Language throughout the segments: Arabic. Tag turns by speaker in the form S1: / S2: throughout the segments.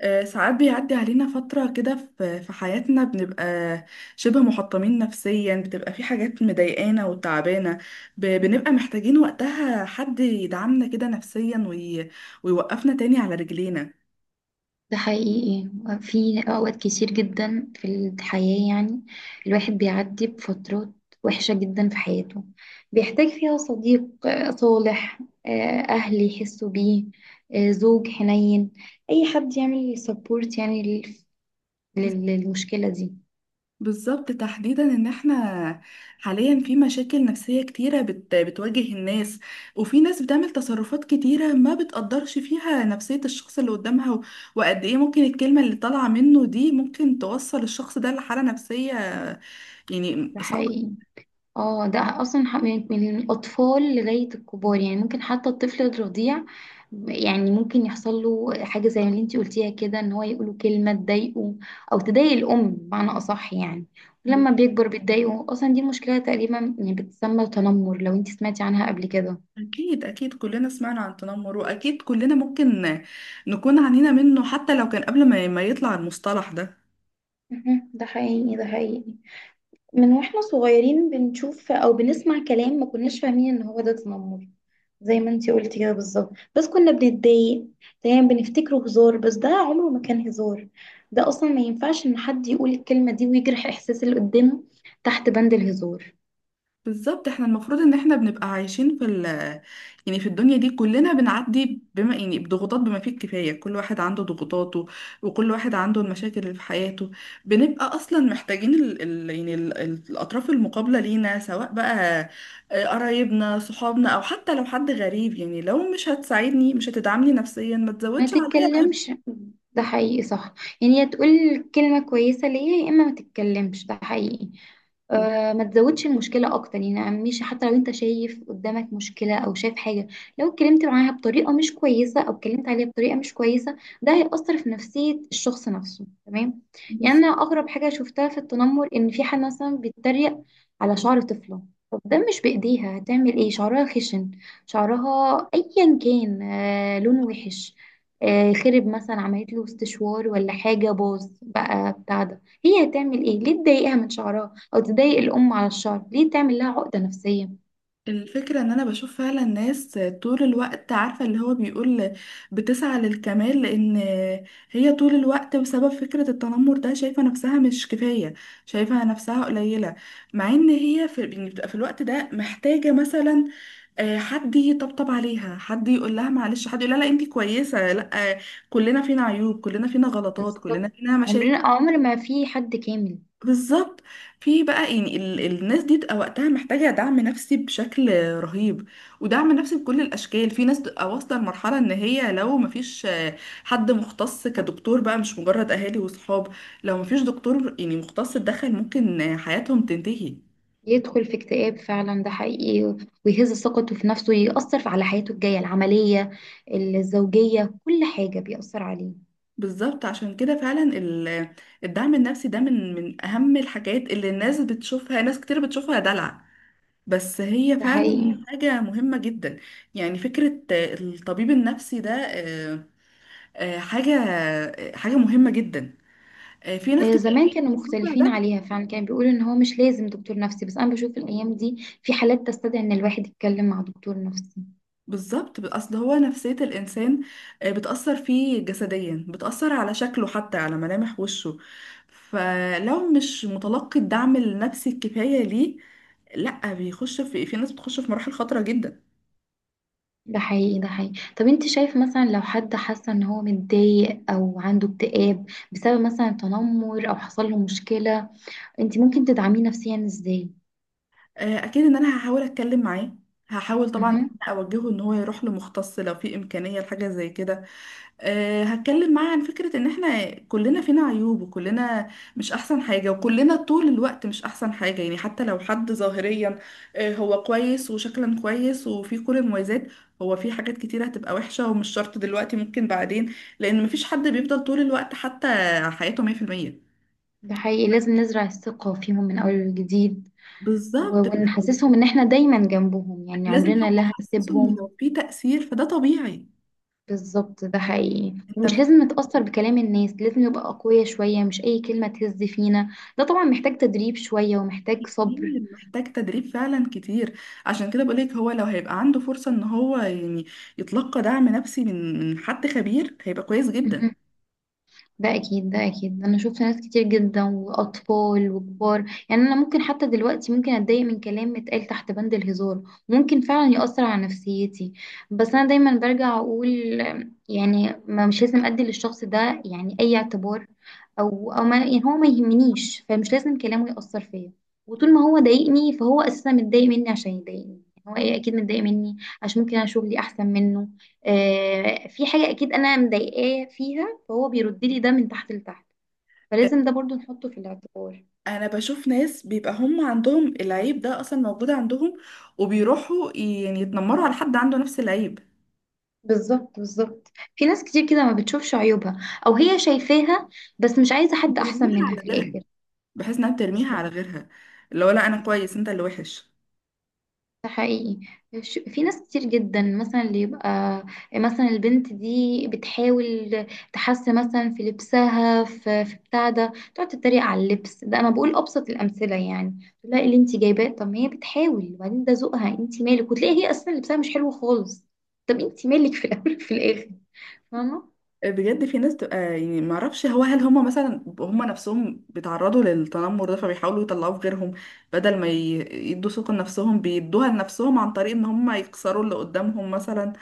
S1: ساعات بيعدي علينا فترة كده في حياتنا بنبقى شبه محطمين نفسيا، بتبقى في حاجات مضايقانا وتعبانة، بنبقى محتاجين وقتها حد يدعمنا كده نفسيا ويوقفنا تاني على رجلينا.
S2: ده حقيقي. في أوقات كتير جدا في الحياة، يعني الواحد بيعدي بفترات وحشة جدا في حياته، بيحتاج فيها صديق صالح، أهل يحسوا بيه، زوج حنين، أي حد يعمل سبورت يعني للمشكلة دي.
S1: بالظبط، تحديدا ان احنا حاليا في مشاكل نفسية كتيرة بتواجه الناس، وفي ناس بتعمل تصرفات كتيرة ما بتقدرش فيها نفسية الشخص اللي قدامها، وقد ايه ممكن الكلمة اللي طالعة منه دي ممكن توصل الشخص ده لحالة نفسية يعني
S2: ده
S1: صعبة.
S2: حقيقي. اه ده اصلا من الاطفال لغايه الكبار، يعني ممكن حتى الطفل الرضيع يعني ممكن يحصل له حاجه زي اللي انتي قلتيها كده ان هو يقوله كلمه تضايقه او تضايق الام بمعنى اصح. يعني لما بيكبر بتضايقه، اصلا دي مشكله تقريبا يعني بتسمى تنمر، لو انتي سمعتي عنها قبل كده.
S1: أكيد أكيد كلنا سمعنا عن التنمر، وأكيد كلنا ممكن نكون عانينا منه حتى لو كان قبل ما يطلع المصطلح ده.
S2: مهم. ده حقيقي. ده حقيقي. من واحنا صغيرين بنشوف او بنسمع كلام ما كناش فاهمين ان هو ده تنمر، زي ما انتي قلتي كده بالظبط، بس كنا بنتضايق. دايما بنفتكره هزار، بس ده عمره ما كان هزار. ده اصلا ما ينفعش ان حد يقول الكلمة دي ويجرح احساس اللي قدامه تحت بند الهزار.
S1: بالظبط، احنا المفروض ان احنا بنبقى عايشين في ال يعني في الدنيا دي، كلنا بنعدي بما يعني بضغوطات بما فيه الكفاية. كل واحد عنده ضغوطاته، وكل واحد عنده المشاكل اللي في حياته. بنبقى اصلا محتاجين ال يعني ال الاطراف المقابلة لينا، سواء بقى قرايبنا، صحابنا، او حتى لو حد غريب. يعني لو مش هتساعدني، مش هتدعمني نفسيا، ما
S2: ما
S1: تزودش عليا
S2: تتكلمش. ده حقيقي، صح. يعني يا تقول كلمة كويسة ليا يا اما ما تتكلمش. ده حقيقي. ما تزودش المشكلة أكتر، يعني مش حتى لو أنت شايف قدامك مشكلة أو شايف حاجة، لو اتكلمت معاها بطريقة مش كويسة أو اتكلمت عليها بطريقة مش كويسة، ده هيأثر في نفسية الشخص نفسه. تمام. يعني أنا
S1: العبء.
S2: أغرب حاجة شفتها في التنمر، إن في حد مثلا بيتريق على شعر طفلة. طب ده مش بإيديها، هتعمل إيه؟ شعرها خشن، شعرها أيا كان، لون وحش، خرب، مثلا عملت له استشوار ولا حاجة باظ بقى بتاع ده، هي هتعمل ايه؟ ليه تضايقها من شعرها أو تضايق الأم على الشعر؟ ليه تعمل لها عقدة نفسية؟
S1: الفكرة ان انا بشوف فعلا ناس طول الوقت عارفة اللي هو بيقول بتسعى للكمال، لان هي طول الوقت بسبب فكرة التنمر ده شايفة نفسها مش كفاية، شايفة نفسها قليلة. مع ان هي في يعني بتبقى في الوقت ده محتاجة مثلا حد يطبطب عليها، حد يقول لها معلش، حد يقول لها لا انتي كويسة. لا، كلنا فينا عيوب، كلنا فينا غلطات،
S2: بالظبط.
S1: كلنا فينا
S2: عمرنا،
S1: مشاكل.
S2: عمر ما في حد كامل.
S1: بالظبط. في بقى يعني الناس دي بتبقى وقتها محتاجة دعم نفسي بشكل رهيب، ودعم نفسي بكل الأشكال. في ناس بتبقى واصلة لمرحلة إن هي لو مفيش حد مختص كدكتور بقى، مش مجرد أهالي وصحاب. لو مفيش دكتور يعني مختص اتدخل، ممكن حياتهم تنتهي.
S2: يدخل في اكتئاب فعلا، ده حقيقي. ويهز ثقته في نفسه، يأثر على حياته الجاية، العملية، الزوجية، كل حاجة بيأثر عليه.
S1: بالظبط، عشان كده فعلا الدعم النفسي ده من أهم الحاجات اللي الناس بتشوفها، ناس كتير بتشوفها دلع، بس هي
S2: ده
S1: فعلا
S2: حقيقي.
S1: حاجة مهمة جدا. يعني فكرة الطبيب النفسي ده حاجة، حاجة مهمة جدا. في ناس كتير
S2: زمان كانوا
S1: بتقول
S2: مختلفين
S1: ده.
S2: عليها، فعلا كان بيقولوا ان هو مش لازم دكتور نفسي، بس انا بشوف الايام دي في حالات تستدعي ان الواحد يتكلم مع دكتور نفسي.
S1: بالظبط، اصل هو نفسية الانسان بتأثر فيه جسديا، بتأثر على شكله، حتى على ملامح وشه. فلو مش متلقي الدعم النفسي الكفاية ليه، لا بيخش في، في ناس بتخش في مراحل خطرة جدا.
S2: ده حقيقي. ده حقيقي. طب انت شايف مثلا لو حد حاسه ان هو متضايق او عنده اكتئاب بسبب مثلا تنمر او حصل له مشكله، انت ممكن تدعميه نفسيا ازاي؟
S1: اكيد ان انا هحاول اتكلم معاه. هحاول طبعا إن
S2: مهم.
S1: أنا اوجهه ان هو يروح لمختص لو في امكانيه لحاجه زي كده. هتكلم معاه عن فكره ان احنا كلنا فينا عيوب، وكلنا مش احسن حاجه، وكلنا طول الوقت مش احسن حاجه. يعني حتى لو حد ظاهريا هو كويس وشكلا كويس وفي كل المميزات، هو في حاجات كتيره هتبقى وحشه، ومش شرط دلوقتي، ممكن بعدين، لان مفيش حد بيفضل طول الوقت حتى حياته 100%.
S2: ده حقيقي، لازم نزرع الثقه فيهم من اول وجديد، و-
S1: بالظبط،
S2: ونحسسهم ان احنا دايما جنبهم، يعني
S1: لازم
S2: عمرنا
S1: حتى
S2: لا
S1: احسسه ان
S2: هنسيبهم.
S1: لو في تاثير فده طبيعي.
S2: بالظبط. ده حقيقي،
S1: انت
S2: ومش
S1: مش
S2: لازم نتأثر بكلام الناس، لازم نبقى أقوياء شوية، مش أي كلمة تهز فينا. ده طبعا محتاج تدريب شوية، ومحتاج صبر.
S1: متخيل، محتاج تدريب فعلا كتير. عشان كده بقولك، هو لو هيبقى عنده فرصة ان هو يعني يتلقى دعم نفسي من حد خبير، هيبقى كويس جدا.
S2: ده اكيد. ده اكيد. انا شفت ناس كتير جدا، واطفال وكبار. يعني انا ممكن حتى دلوقتي ممكن اتضايق من كلام اتقال تحت بند الهزار، ممكن فعلا يأثر على نفسيتي. بس انا دايما برجع اقول، يعني ما مش لازم ادي للشخص ده يعني اي اعتبار، او ما يعني هو ما يهمنيش، فمش لازم كلامه يأثر فيا. وطول ما هو ضايقني فهو اساسا متضايق مني عشان يضايقني، يعني هو اكيد متضايق مني عشان ممكن انا شغلي احسن منه. في حاجة اكيد انا مضايقاه فيها، فهو بيرد لي ده من تحت لتحت. فلازم ده برضو نحطه في الاعتبار.
S1: انا بشوف ناس بيبقى هم عندهم العيب ده اصلا موجود عندهم، وبيروحوا يعني يتنمروا على حد عنده نفس العيب.
S2: بالظبط، بالظبط، في ناس كتير كده ما بتشوفش عيوبها، او هي شايفاها بس مش عايزة حد احسن
S1: بترميها
S2: منها
S1: على
S2: في
S1: غيرها،
S2: الاخر.
S1: بحيث انها بترميها
S2: بالظبط.
S1: على غيرها. اللي هو لا، انا
S2: بالظبط.
S1: كويس، انت اللي وحش.
S2: ده حقيقي. في ناس كتير جدا، مثلا اللي يبقى مثلا البنت دي بتحاول تحسن مثلا في لبسها، في بتاع ده تقعد تتريق على اللبس ده. انا بقول ابسط الامثله، يعني لا اللي انت جايباه؟ طب ما هي بتحاول، وبعدين ده ذوقها، انت مالك؟ وتلاقي هي اصلا لبسها مش حلو خالص. طب انت مالك في الاول في الاخر؟ فاهمه؟
S1: بجد في ناس تبقى يعني ما اعرفش، هو هل هم مثلا هم نفسهم بيتعرضوا للتنمر ده فبيحاولوا يطلعوه في غيرهم بدل ما يدوا ثقة لنفسهم، بيدوها لنفسهم عن طريق ان هم يكسروا اللي قدامهم مثلا.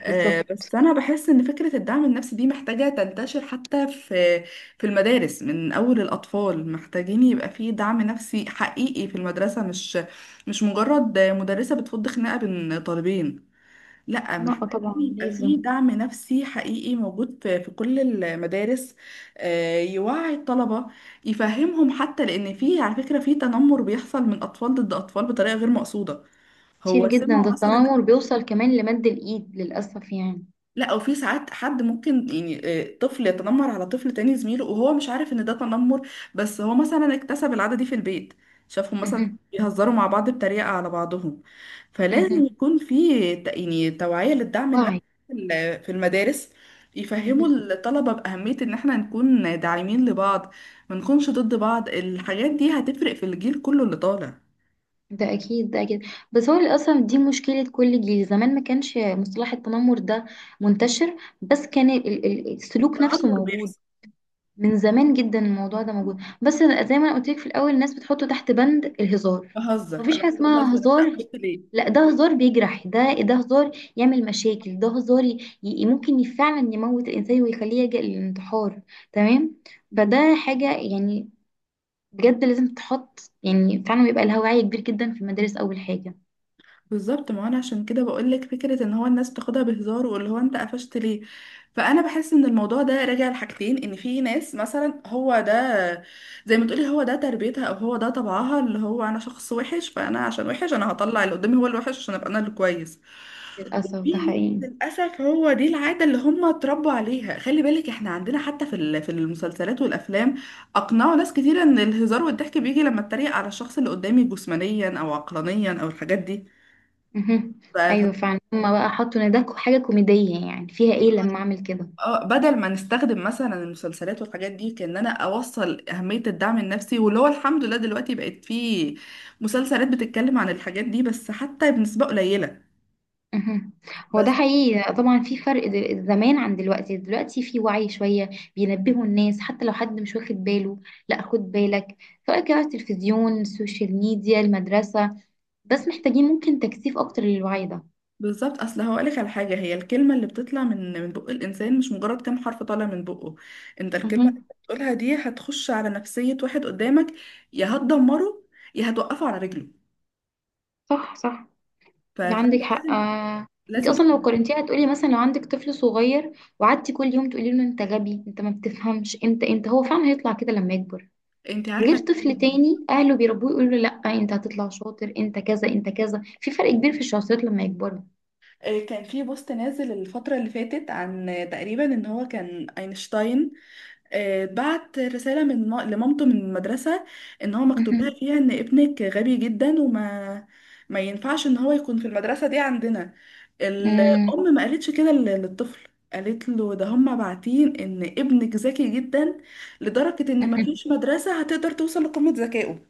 S1: بس انا بحس ان فكرة الدعم النفسي دي محتاجة تنتشر حتى في المدارس. من اول الاطفال محتاجين يبقى في دعم نفسي حقيقي في المدرسة، مش مجرد مدرسة بتفض خناقة بين طالبين. لا،
S2: لا
S1: محتاجين
S2: طبعا
S1: يبقى
S2: لازم.
S1: في دعم نفسي حقيقي موجود في كل المدارس. يوعي الطلبة، يفهمهم، حتى لأن في، على فكرة، في تنمر بيحصل من أطفال ضد أطفال بطريقة غير مقصودة.
S2: كتير
S1: هو
S2: جدا، ده
S1: سمعوا مثلا،
S2: التنمر بيوصل كمان لمد الايد للاسف، يعني.
S1: لا، او في ساعات حد ممكن يعني طفل يتنمر على طفل تاني زميله وهو مش عارف ان ده تنمر، بس هو مثلا اكتسب العادة دي في البيت، شافهم مثلا
S2: مهم.
S1: بيهزروا مع بعض بتريقة على بعضهم. فلازم
S2: مهم.
S1: يكون في يعني توعية للدعم النفسي
S2: وعي.
S1: في المدارس، يفهموا
S2: مهم.
S1: الطلبة بأهمية ان احنا نكون داعمين لبعض، ما نكونش ضد بعض. الحاجات دي هتفرق في الجيل كله اللي طالع.
S2: ده اكيد. ده اكيد. بس هو اللي اصلا دي مشكله كل جيل، زمان ما كانش مصطلح التنمر ده منتشر، بس كان السلوك نفسه
S1: التنمر
S2: موجود.
S1: بيحصل.
S2: من زمان جدا الموضوع ده موجود، بس زي ما انا قلت لك في الاول الناس بتحطه تحت بند الهزار.
S1: بهزر، انا
S2: مفيش حاجه
S1: كنت
S2: اسمها
S1: بهزر، انت
S2: هزار،
S1: قفشت ليه؟
S2: لا ده هزار بيجرح، ده هزار يعمل مشاكل، ده هزار ممكن فعلا يموت الانسان ويخليه يلجأ للانتحار. تمام. فده حاجه، يعني، بجد لازم تتحط، يعني فعلا بيبقى لها وعي كبير جدا في المدارس اول حاجه.
S1: بالظبط، ما انا عشان كده بقولك فكرة ان هو الناس بتاخدها بهزار، واللي هو انت قفشت ليه. فانا بحس ان الموضوع ده راجع لحاجتين، ان في ناس مثلا هو ده، زي ما تقولي، هو ده تربيتها او هو ده طبعها، اللي هو انا شخص وحش فانا عشان وحش انا هطلع اللي قدامي هو الوحش عشان ابقى انا اللي كويس.
S2: للأسف ده
S1: في ناس
S2: حقيقي.
S1: للاسف هو دي العادة اللي هم اتربوا عليها. خلي بالك احنا عندنا حتى في المسلسلات والافلام اقنعوا ناس كتير ان الهزار والضحك بيجي لما اتريق على الشخص اللي قدامي جسمانيا او عقلانيا او الحاجات دي.
S2: مهم.
S1: ف... ف-
S2: أيوة فعلا، هما بقى حطوا إن ده حاجة كوميدية، يعني فيها إيه لما أعمل كده؟
S1: اه بدل ما نستخدم مثلا المسلسلات والحاجات دي كأن انا اوصل اهمية الدعم النفسي، واللي هو الحمد لله دلوقتي بقت في مسلسلات بتتكلم عن الحاجات دي، بس حتى بنسبة قليلة.
S2: مهم. هو ده
S1: بس
S2: حقيقي طبعا، في فرق زمان عن دلوقتي، دلوقتي في وعي شوية، بينبهوا الناس حتى لو حد مش واخد باله، لا خد بالك. سواء كان على التلفزيون، السوشيال ميديا، المدرسة. بس محتاجين ممكن تكثيف أكتر للوعي ده.
S1: بالظبط، اصل هقولك على حاجة، هي الكلمة اللي بتطلع من بق الانسان مش مجرد كام حرف طالع من بقه. انت الكلمة اللي
S2: مهم.
S1: بتقولها دي هتخش على نفسية واحد قدامك، يا هتدمره يا هتوقفه على رجله.
S2: صح. صح. ده
S1: فانت
S2: عندك حق.
S1: لازم،
S2: آه. انت
S1: لازم
S2: اصلا لو
S1: تكون-
S2: قارنتيها هتقولي مثلا، لو عندك طفل صغير وقعدتي كل يوم تقولي له انت غبي، انت ما بتفهمش انت هو فعلا هيطلع كده لما يكبر.
S1: انت
S2: غير
S1: عارفة.
S2: طفل تاني اهله بيربوه يقولوا له لا انت هتطلع شاطر، انت كذا انت كذا. في فرق كبير في الشخصيات لما يكبروا.
S1: كان في بوست نازل الفترة اللي فاتت عن، تقريبا، ان هو كان اينشتاين بعت رسالة لمامته من المدرسة، ان هو مكتوب لها
S2: مهم.
S1: فيها ان ابنك غبي جدا، وما ما ينفعش ان هو يكون في المدرسة دي عندنا.
S2: مم.
S1: الأم ما قالتش كده للطفل، قالت له ده هم باعتين ان ابنك ذكي جدا لدرجة ان ما
S2: مهم.
S1: فيش مدرسة هتقدر توصل لقمة ذكائه.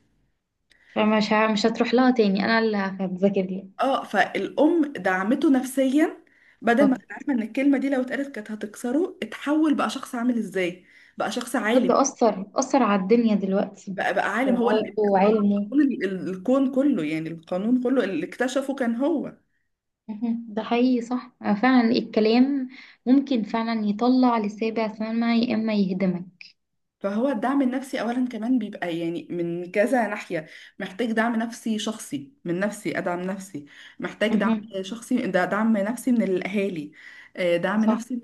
S2: فمش مش هتروح لها تاني، انا اللي هذاكر لها.
S1: اه فالام دعمته نفسيا، بدل ما
S2: طب
S1: كانت عارفه ان الكلمه دي لو اتقالت كانت هتكسره، اتحول بقى شخص عامل ازاي، بقى شخص عالم،
S2: ده اثر على الدنيا دلوقتي،
S1: بقى عالم، هو اللي
S2: اختراعاته
S1: اخترع
S2: وعلمه.
S1: قانون الكون كله، يعني القانون كله اللي اكتشفه كان هو.
S2: مهم. ده حقيقي، صح. فعلا الكلام ممكن فعلا يطلع للسابع سما يا اما يهدمك.
S1: فهو الدعم النفسي اولا كمان بيبقى يعني من كذا ناحيه. محتاج دعم نفسي شخصي، من نفسي ادعم نفسي، محتاج دعم
S2: مهم.
S1: شخصي. ده دعم نفسي من الاهالي، دعم
S2: صح.
S1: نفسي من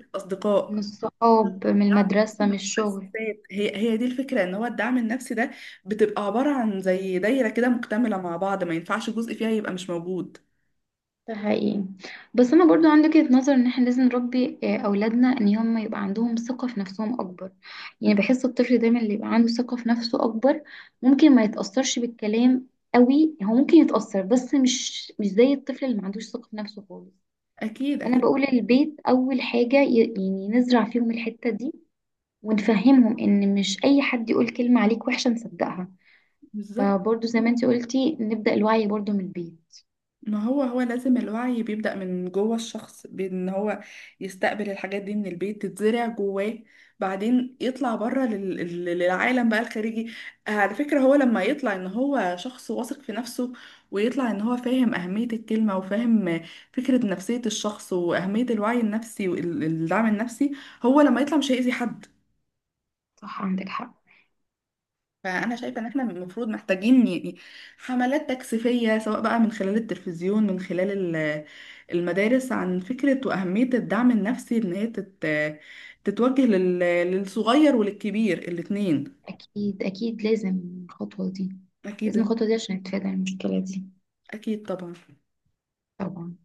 S2: من
S1: الاصدقاء،
S2: الصحاب، من
S1: الدعم النفسي
S2: المدرسة،
S1: من
S2: من الشغل.
S1: المؤسسات. هي دي الفكرة ان هو الدعم النفسي ده بتبقى عبارة عن زي دايرة كده مكتملة مع بعض، ما ينفعش جزء فيها يبقى مش موجود.
S2: ده حقيقي. بس انا برضو عندي وجهة نظر، ان احنا لازم نربي اولادنا ان هم يبقى عندهم ثقة في نفسهم اكبر. يعني بحس الطفل دايما اللي يبقى عنده ثقة في نفسه اكبر ممكن ما يتأثرش بالكلام قوي، هو ممكن يتأثر بس مش زي الطفل اللي ما عندوش ثقة في نفسه خالص.
S1: اكيد
S2: انا
S1: اكيد.
S2: بقول البيت اول حاجة يعني نزرع فيهم الحتة دي، ونفهمهم ان مش اي حد يقول كلمة عليك وحشة نصدقها.
S1: بالظبط.
S2: فبرضو زي ما انت قلتي، نبدأ الوعي برضو من البيت.
S1: ما هو لازم الوعي بيبدأ من جوه الشخص، بأن هو يستقبل الحاجات دي من البيت تتزرع جواه، بعدين يطلع بره للعالم بقى الخارجي. على فكرة هو لما يطلع ان هو شخص واثق في نفسه، ويطلع ان هو فاهم أهمية الكلمة، وفاهم فكرة نفسية الشخص وأهمية الوعي النفسي والدعم النفسي، هو لما يطلع مش هيأذي حد.
S2: صح، عندك حق.
S1: فأنا شايفة إن إحنا المفروض محتاجين يعني حملات تكثيفية، سواء بقى من خلال التلفزيون، من خلال ال- المدارس، عن فكرة وأهمية الدعم النفسي، إن هي تتوجه للصغير وللكبير الاتنين.
S2: اكيد. اكيد. لازم الخطوة دي. لازم
S1: أكيد.
S2: الخطوة دي عشان نتفادى المشكلة دي.
S1: أكيد طبعا.
S2: طبعا.